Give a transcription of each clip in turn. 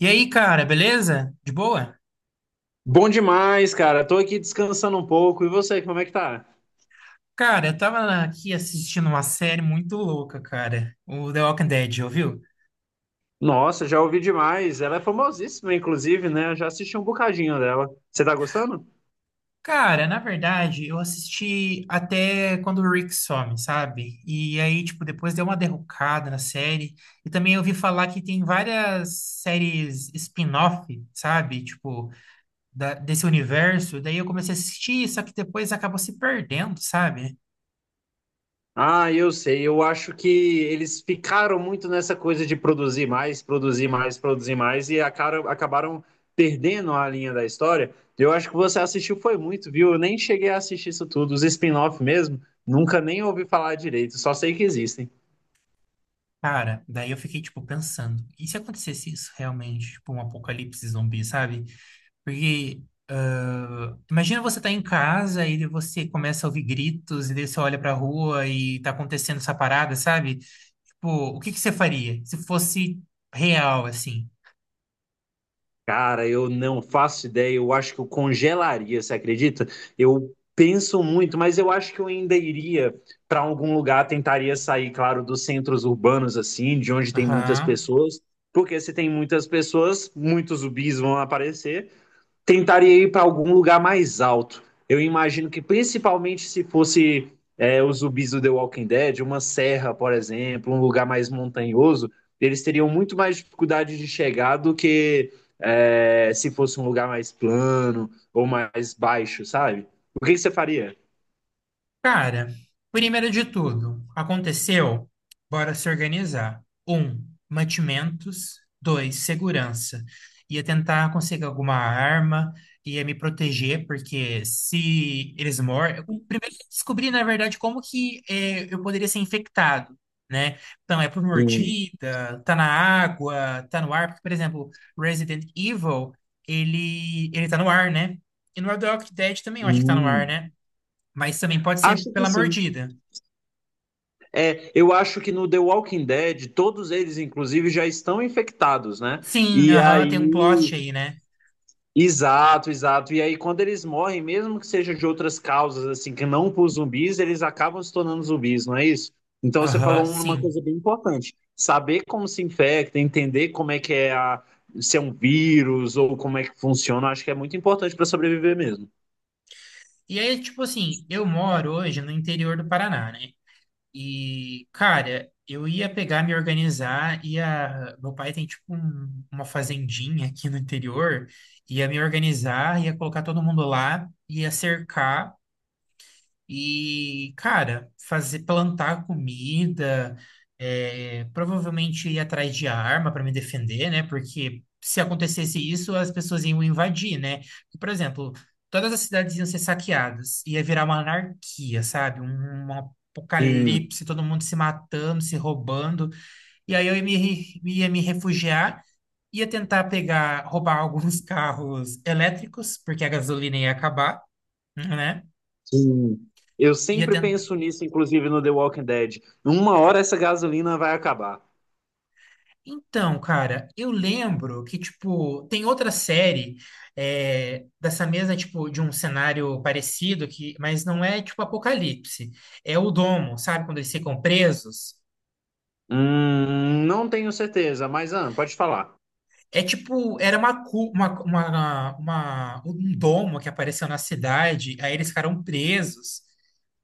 E aí, cara, beleza? De boa? Bom demais, cara. Tô aqui descansando um pouco. E você, como é que tá? Cara, eu tava aqui assistindo uma série muito louca, cara. O The Walking Dead, ouviu? Nossa, já ouvi demais. Ela é famosíssima, inclusive, né? Eu já assisti um bocadinho dela. Você tá gostando? Cara, na verdade, eu assisti até quando o Rick some, sabe? E aí, tipo, depois deu uma derrocada na série. E também eu ouvi falar que tem várias séries spin-off, sabe? Tipo, desse universo. Daí eu comecei a assistir, só que depois acabou se perdendo, sabe? Ah, eu sei. Eu acho que eles ficaram muito nessa coisa de produzir mais, produzir mais, produzir mais e acabaram perdendo a linha da história. Eu acho que você assistiu foi muito, viu? Eu nem cheguei a assistir isso tudo. Os spin-off mesmo, nunca nem ouvi falar direito. Só sei que existem. Cara, daí eu fiquei, tipo, pensando, e se acontecesse isso realmente, tipo, um apocalipse zumbi, sabe? Porque, ah, imagina você tá em casa e você começa a ouvir gritos, e daí você olha pra rua e tá acontecendo essa parada, sabe? Tipo, o que que você faria se fosse real, assim? Cara, eu não faço ideia. Eu acho que eu congelaria, você acredita? Eu penso muito, mas eu acho que eu ainda iria para algum lugar, tentaria sair, claro, dos centros urbanos, assim, de onde tem muitas Aham. pessoas, porque se tem muitas pessoas, muitos zumbis vão aparecer, tentaria ir para algum lugar mais alto. Eu imagino que principalmente se fosse os zumbis do The Walking Dead, uma serra, por exemplo, um lugar mais montanhoso, eles teriam muito mais dificuldade de chegar do que se fosse um lugar mais plano ou mais baixo, sabe? O que, que você faria? Cara, primeiro de tudo, aconteceu? Bora se organizar. Um, mantimentos. Dois, segurança. Ia tentar conseguir alguma arma, ia me proteger, porque se eles morrem. Primeiro, eu descobri, na verdade, como que eu poderia ser infectado, né? Então, é por Sim. mordida, tá na água, tá no ar. Porque, por exemplo, Resident Evil, ele tá no ar, né? E no Red Dead também eu acho que tá no ar, Hum. né? Mas também pode ser Acho que pela sim. mordida. É, eu acho que no The Walking Dead, todos eles, inclusive, já estão infectados, né? Sim, E aham, aí, tem um plot aí, né? exato, exato. E aí, quando eles morrem, mesmo que seja de outras causas, assim, que não por zumbis, eles acabam se tornando zumbis, não é isso? Então, você Aham, falou um, uma coisa sim. bem importante: saber como se infecta, entender como é que é se é um vírus ou como é que funciona, acho que é muito importante para sobreviver mesmo. E aí, tipo assim, eu moro hoje no interior do Paraná, né? E, cara, eu ia pegar, me organizar, ia. Meu pai tem, tipo, uma fazendinha aqui no interior, ia me organizar, ia colocar todo mundo lá, ia cercar. E, cara, fazer plantar comida, é, provavelmente ir atrás de arma para me defender, né? Porque se acontecesse isso, as pessoas iam invadir, né? Por exemplo, todas as cidades iam ser saqueadas, ia virar uma anarquia, sabe? Um Sim, apocalipse, todo mundo se matando, se roubando. E aí eu ia me, re- ia me refugiar, ia tentar pegar, roubar alguns carros elétricos, porque a gasolina ia acabar, né? sim. Eu Ia sempre penso nisso, inclusive no The Walking Dead. Uma hora essa gasolina vai acabar. Então, cara, eu lembro que, tipo, tem outra série é, dessa mesma, tipo, de um cenário parecido, que, mas não é, tipo, Apocalipse. É o Domo, sabe? Quando eles ficam presos. Não tenho certeza, mas ah, pode falar. É tipo, era uma, cu- uma- um domo que apareceu na cidade, aí eles ficaram presos.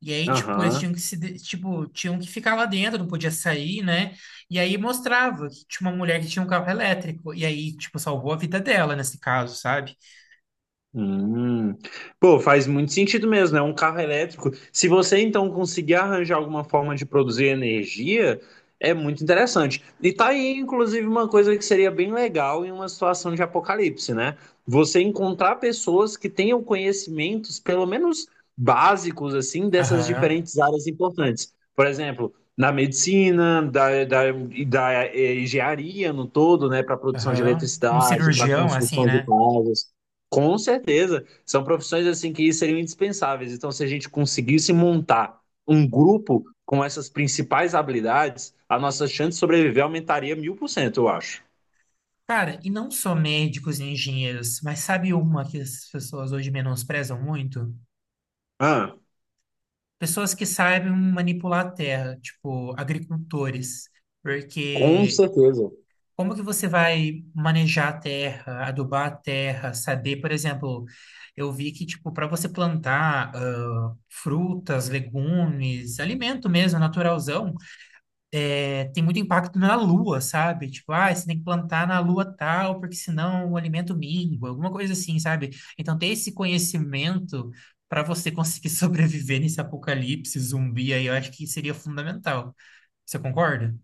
E aí, tipo, eles tinham Aham. que se, de- tipo, tinham que ficar lá dentro, não podia sair, né? E aí mostrava que tinha uma mulher que tinha um carro elétrico. E aí, tipo, salvou a vida dela nesse caso, sabe? Hum. Pô, faz muito sentido mesmo, né? Um carro elétrico. Se você então conseguir arranjar alguma forma de produzir energia, é muito interessante. E tá aí, inclusive, uma coisa que seria bem legal em uma situação de apocalipse, né? Você encontrar pessoas que tenham conhecimentos, pelo menos básicos, assim, dessas Aham, diferentes áreas importantes. Por exemplo, na medicina, e da engenharia no todo, né? Para produção de aham. Tipo, um eletricidade, para cirurgião, assim, construção de né? casas. Com certeza. São profissões assim que seriam indispensáveis. Então, se a gente conseguisse montar um grupo com essas principais habilidades, a nossa chance de sobreviver aumentaria 1000%, eu acho. Cara, e não só médicos e engenheiros, mas sabe uma que as pessoas hoje menosprezam muito? Ah, Pessoas que sabem manipular a terra, tipo agricultores. com Porque certeza. como que você vai manejar a terra, adubar a terra, saber, por exemplo, eu vi que, tipo, para você plantar ah, frutas, legumes, alimento mesmo, naturalzão, é, tem muito impacto na lua, sabe? Tipo, ah, você tem que plantar na lua tal, porque senão o alimento mingua, alguma coisa assim, sabe? Então, ter esse conhecimento para você conseguir sobreviver nesse apocalipse zumbi aí, eu acho que seria fundamental. Você concorda?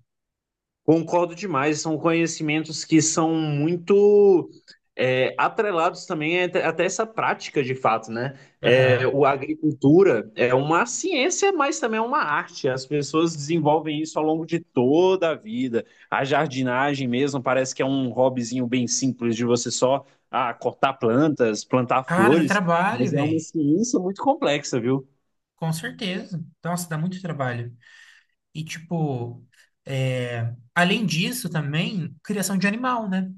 Concordo demais, são conhecimentos que são muito atrelados também até essa prática de fato, né? É, Aham. o a agricultura é uma ciência, mas também é uma arte. As pessoas desenvolvem isso ao longo de toda a vida. A jardinagem mesmo parece que é um hobbyzinho bem simples de você só cortar plantas, plantar Cara, dá flores, trabalho, mas é uma velho. ciência muito complexa, viu? Com certeza. Nossa, dá muito trabalho. E, tipo, é, além disso também, criação de animal, né?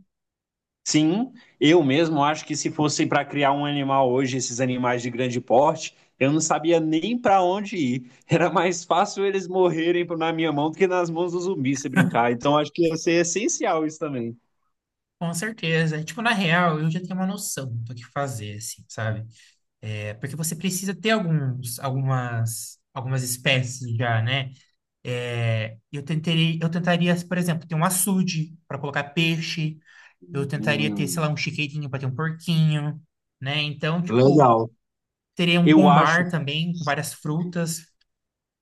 Sim, eu mesmo acho que se fosse para criar um animal hoje, esses animais de grande porte, eu não sabia nem para onde ir. Era mais fácil eles morrerem na minha mão do que nas mãos do zumbi se brincar. Então acho que ia ser essencial isso também. Com certeza. Tipo, na real, eu já tenho uma noção do que fazer, assim, sabe? É, porque você precisa ter algumas espécies já, né? É, eu tentaria, por exemplo, ter um açude para colocar peixe, eu tentaria ter, sei lá, Hum, um chiqueirinho para ter um porquinho, né? Então, tipo, legal. teria um Eu acho pomar também, com várias frutas.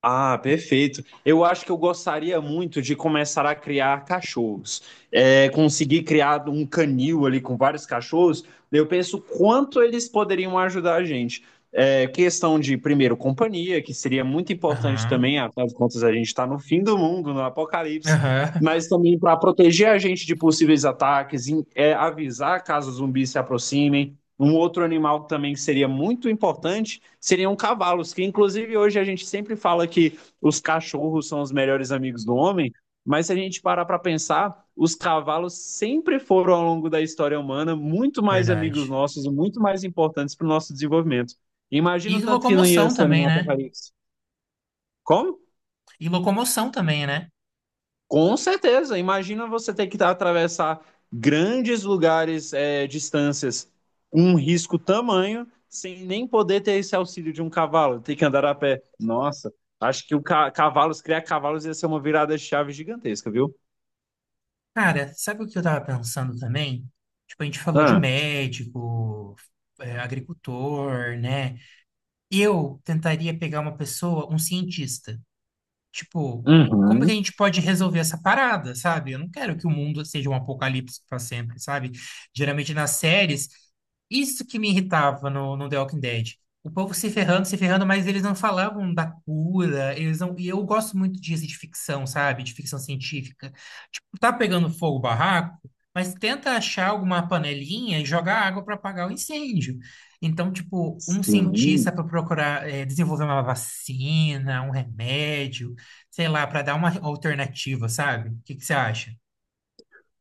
Ah, perfeito. Eu acho que eu gostaria muito de começar a criar cachorros. É, conseguir criar um canil ali com vários cachorros, eu penso quanto eles poderiam ajudar a gente. É, questão de, primeiro, companhia, que seria muito importante Aham, também, afinal de contas, a gente está no fim do mundo, no apocalipse, aham, mas também para proteger a gente de possíveis ataques, avisar caso zumbis se aproximem. Um outro animal também que seria muito importante seriam cavalos, que inclusive hoje a gente sempre fala que os cachorros são os melhores amigos do homem, mas se a gente parar para pensar, os cavalos sempre foram, ao longo da história humana, muito mais amigos verdade. nossos, muito mais importantes para o nosso desenvolvimento. Imagina E o tanto que não ia locomoção ser um também, né? apocalipse. Como? E locomoção também, né? Com certeza. Imagina você ter que atravessar grandes lugares, distâncias, um risco tamanho, sem nem poder ter esse auxílio de um cavalo, ter que andar a pé. Nossa, acho que o ca cavalos, criar cavalos ia ser uma virada de chave gigantesca, viu? Cara, sabe o que eu tava pensando também? Tipo, a gente falou de Ah, médico, é, agricultor, né? Eu tentaria pegar uma pessoa, um cientista. Tipo, como que a uhum, gente pode resolver essa parada, sabe? Eu não quero que o mundo seja um apocalipse para sempre, sabe? Geralmente nas séries, isso que me irritava no The Walking Dead. O povo se ferrando, se ferrando, mas eles não falavam da cura, eles não... E eu gosto muito disso de ficção, sabe? De ficção científica. Tipo, tá pegando fogo o barraco, mas tenta achar alguma panelinha e jogar água para apagar o incêndio. Então, tipo, um cientista sim. para procurar desenvolver uma vacina, um remédio, sei lá, para dar uma alternativa, sabe? O que que você acha?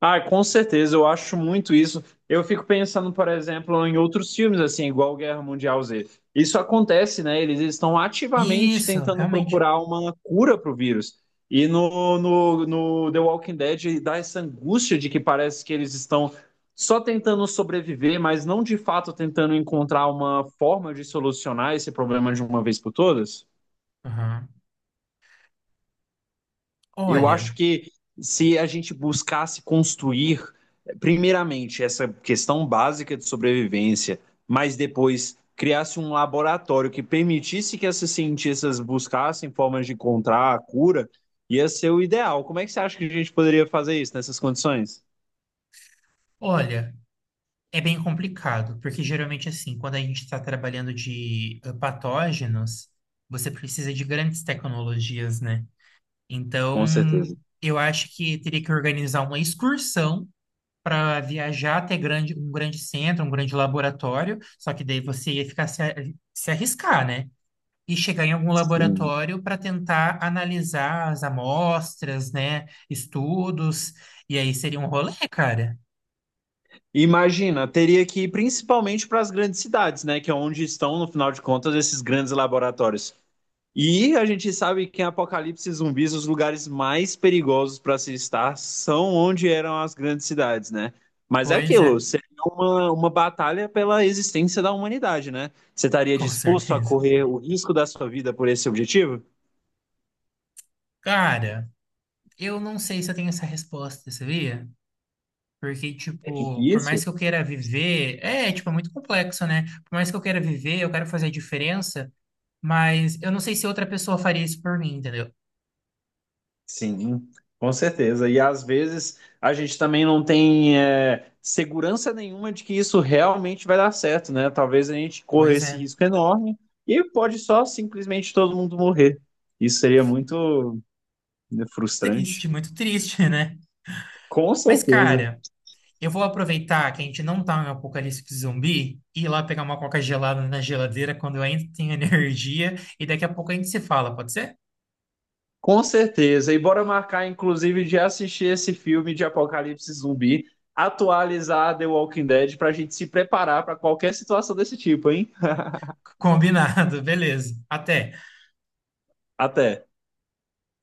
Ah, com certeza, eu acho muito isso. Eu fico pensando, por exemplo, em outros filmes, assim, igual Guerra Mundial Z. Isso acontece, né? Eles estão ativamente Isso, tentando realmente. procurar uma cura para o vírus. E no The Walking Dead dá essa angústia de que parece que eles estão só tentando sobreviver, mas não de fato tentando encontrar uma forma de solucionar esse problema de uma vez por todas. Aham. Eu Olha, acho que se a gente buscasse construir, primeiramente, essa questão básica de sobrevivência, mas depois criasse um laboratório que permitisse que esses cientistas buscassem formas de encontrar a cura, ia ser o ideal. Como é que você acha que a gente poderia fazer isso nessas condições? olha, é bem complicado, porque geralmente assim, quando a gente está trabalhando de patógenos, você precisa de grandes tecnologias, né? Então, Com certeza. eu acho que teria que organizar uma excursão para viajar um grande centro, um grande laboratório, só que daí você ia ficar se arriscar, né? E chegar em algum Sim. laboratório para tentar analisar as amostras, né? Estudos. E aí seria um rolê, cara. Imagina, teria que ir principalmente para as grandes cidades, né? Que é onde estão, no final de contas, esses grandes laboratórios. E a gente sabe que em apocalipse zumbis, os lugares mais perigosos para se estar são onde eram as grandes cidades, né? Mas é Pois aquilo, é, seria uma batalha pela existência da humanidade, né? Você estaria com disposto a certeza. correr o risco da sua vida por esse objetivo? Cara, eu não sei se eu tenho essa resposta, sabia? Porque, É tipo, por difícil. mais que eu queira viver, é, tipo, é muito complexo, né? Por mais que eu queira viver, eu quero fazer a diferença, mas eu não sei se outra pessoa faria isso por mim, entendeu? Sim, com certeza. E às vezes a gente também não tem segurança nenhuma de que isso realmente vai dar certo, né? Talvez a gente corra Pois esse é. risco enorme e pode só simplesmente todo mundo morrer. Isso seria muito né, Triste, frustrante. muito triste, né? Com Mas, certeza. cara. Eu vou aproveitar que a gente não tá em um apocalipse zumbi e ir lá pegar uma coca gelada na geladeira quando eu ainda tenho energia e daqui a pouco a gente se fala, pode ser? Com certeza. E bora marcar, inclusive, de assistir esse filme de Apocalipse Zumbi, atualizar The Walking Dead para a gente se preparar para qualquer situação desse tipo, hein? Combinado, beleza. Até. Até.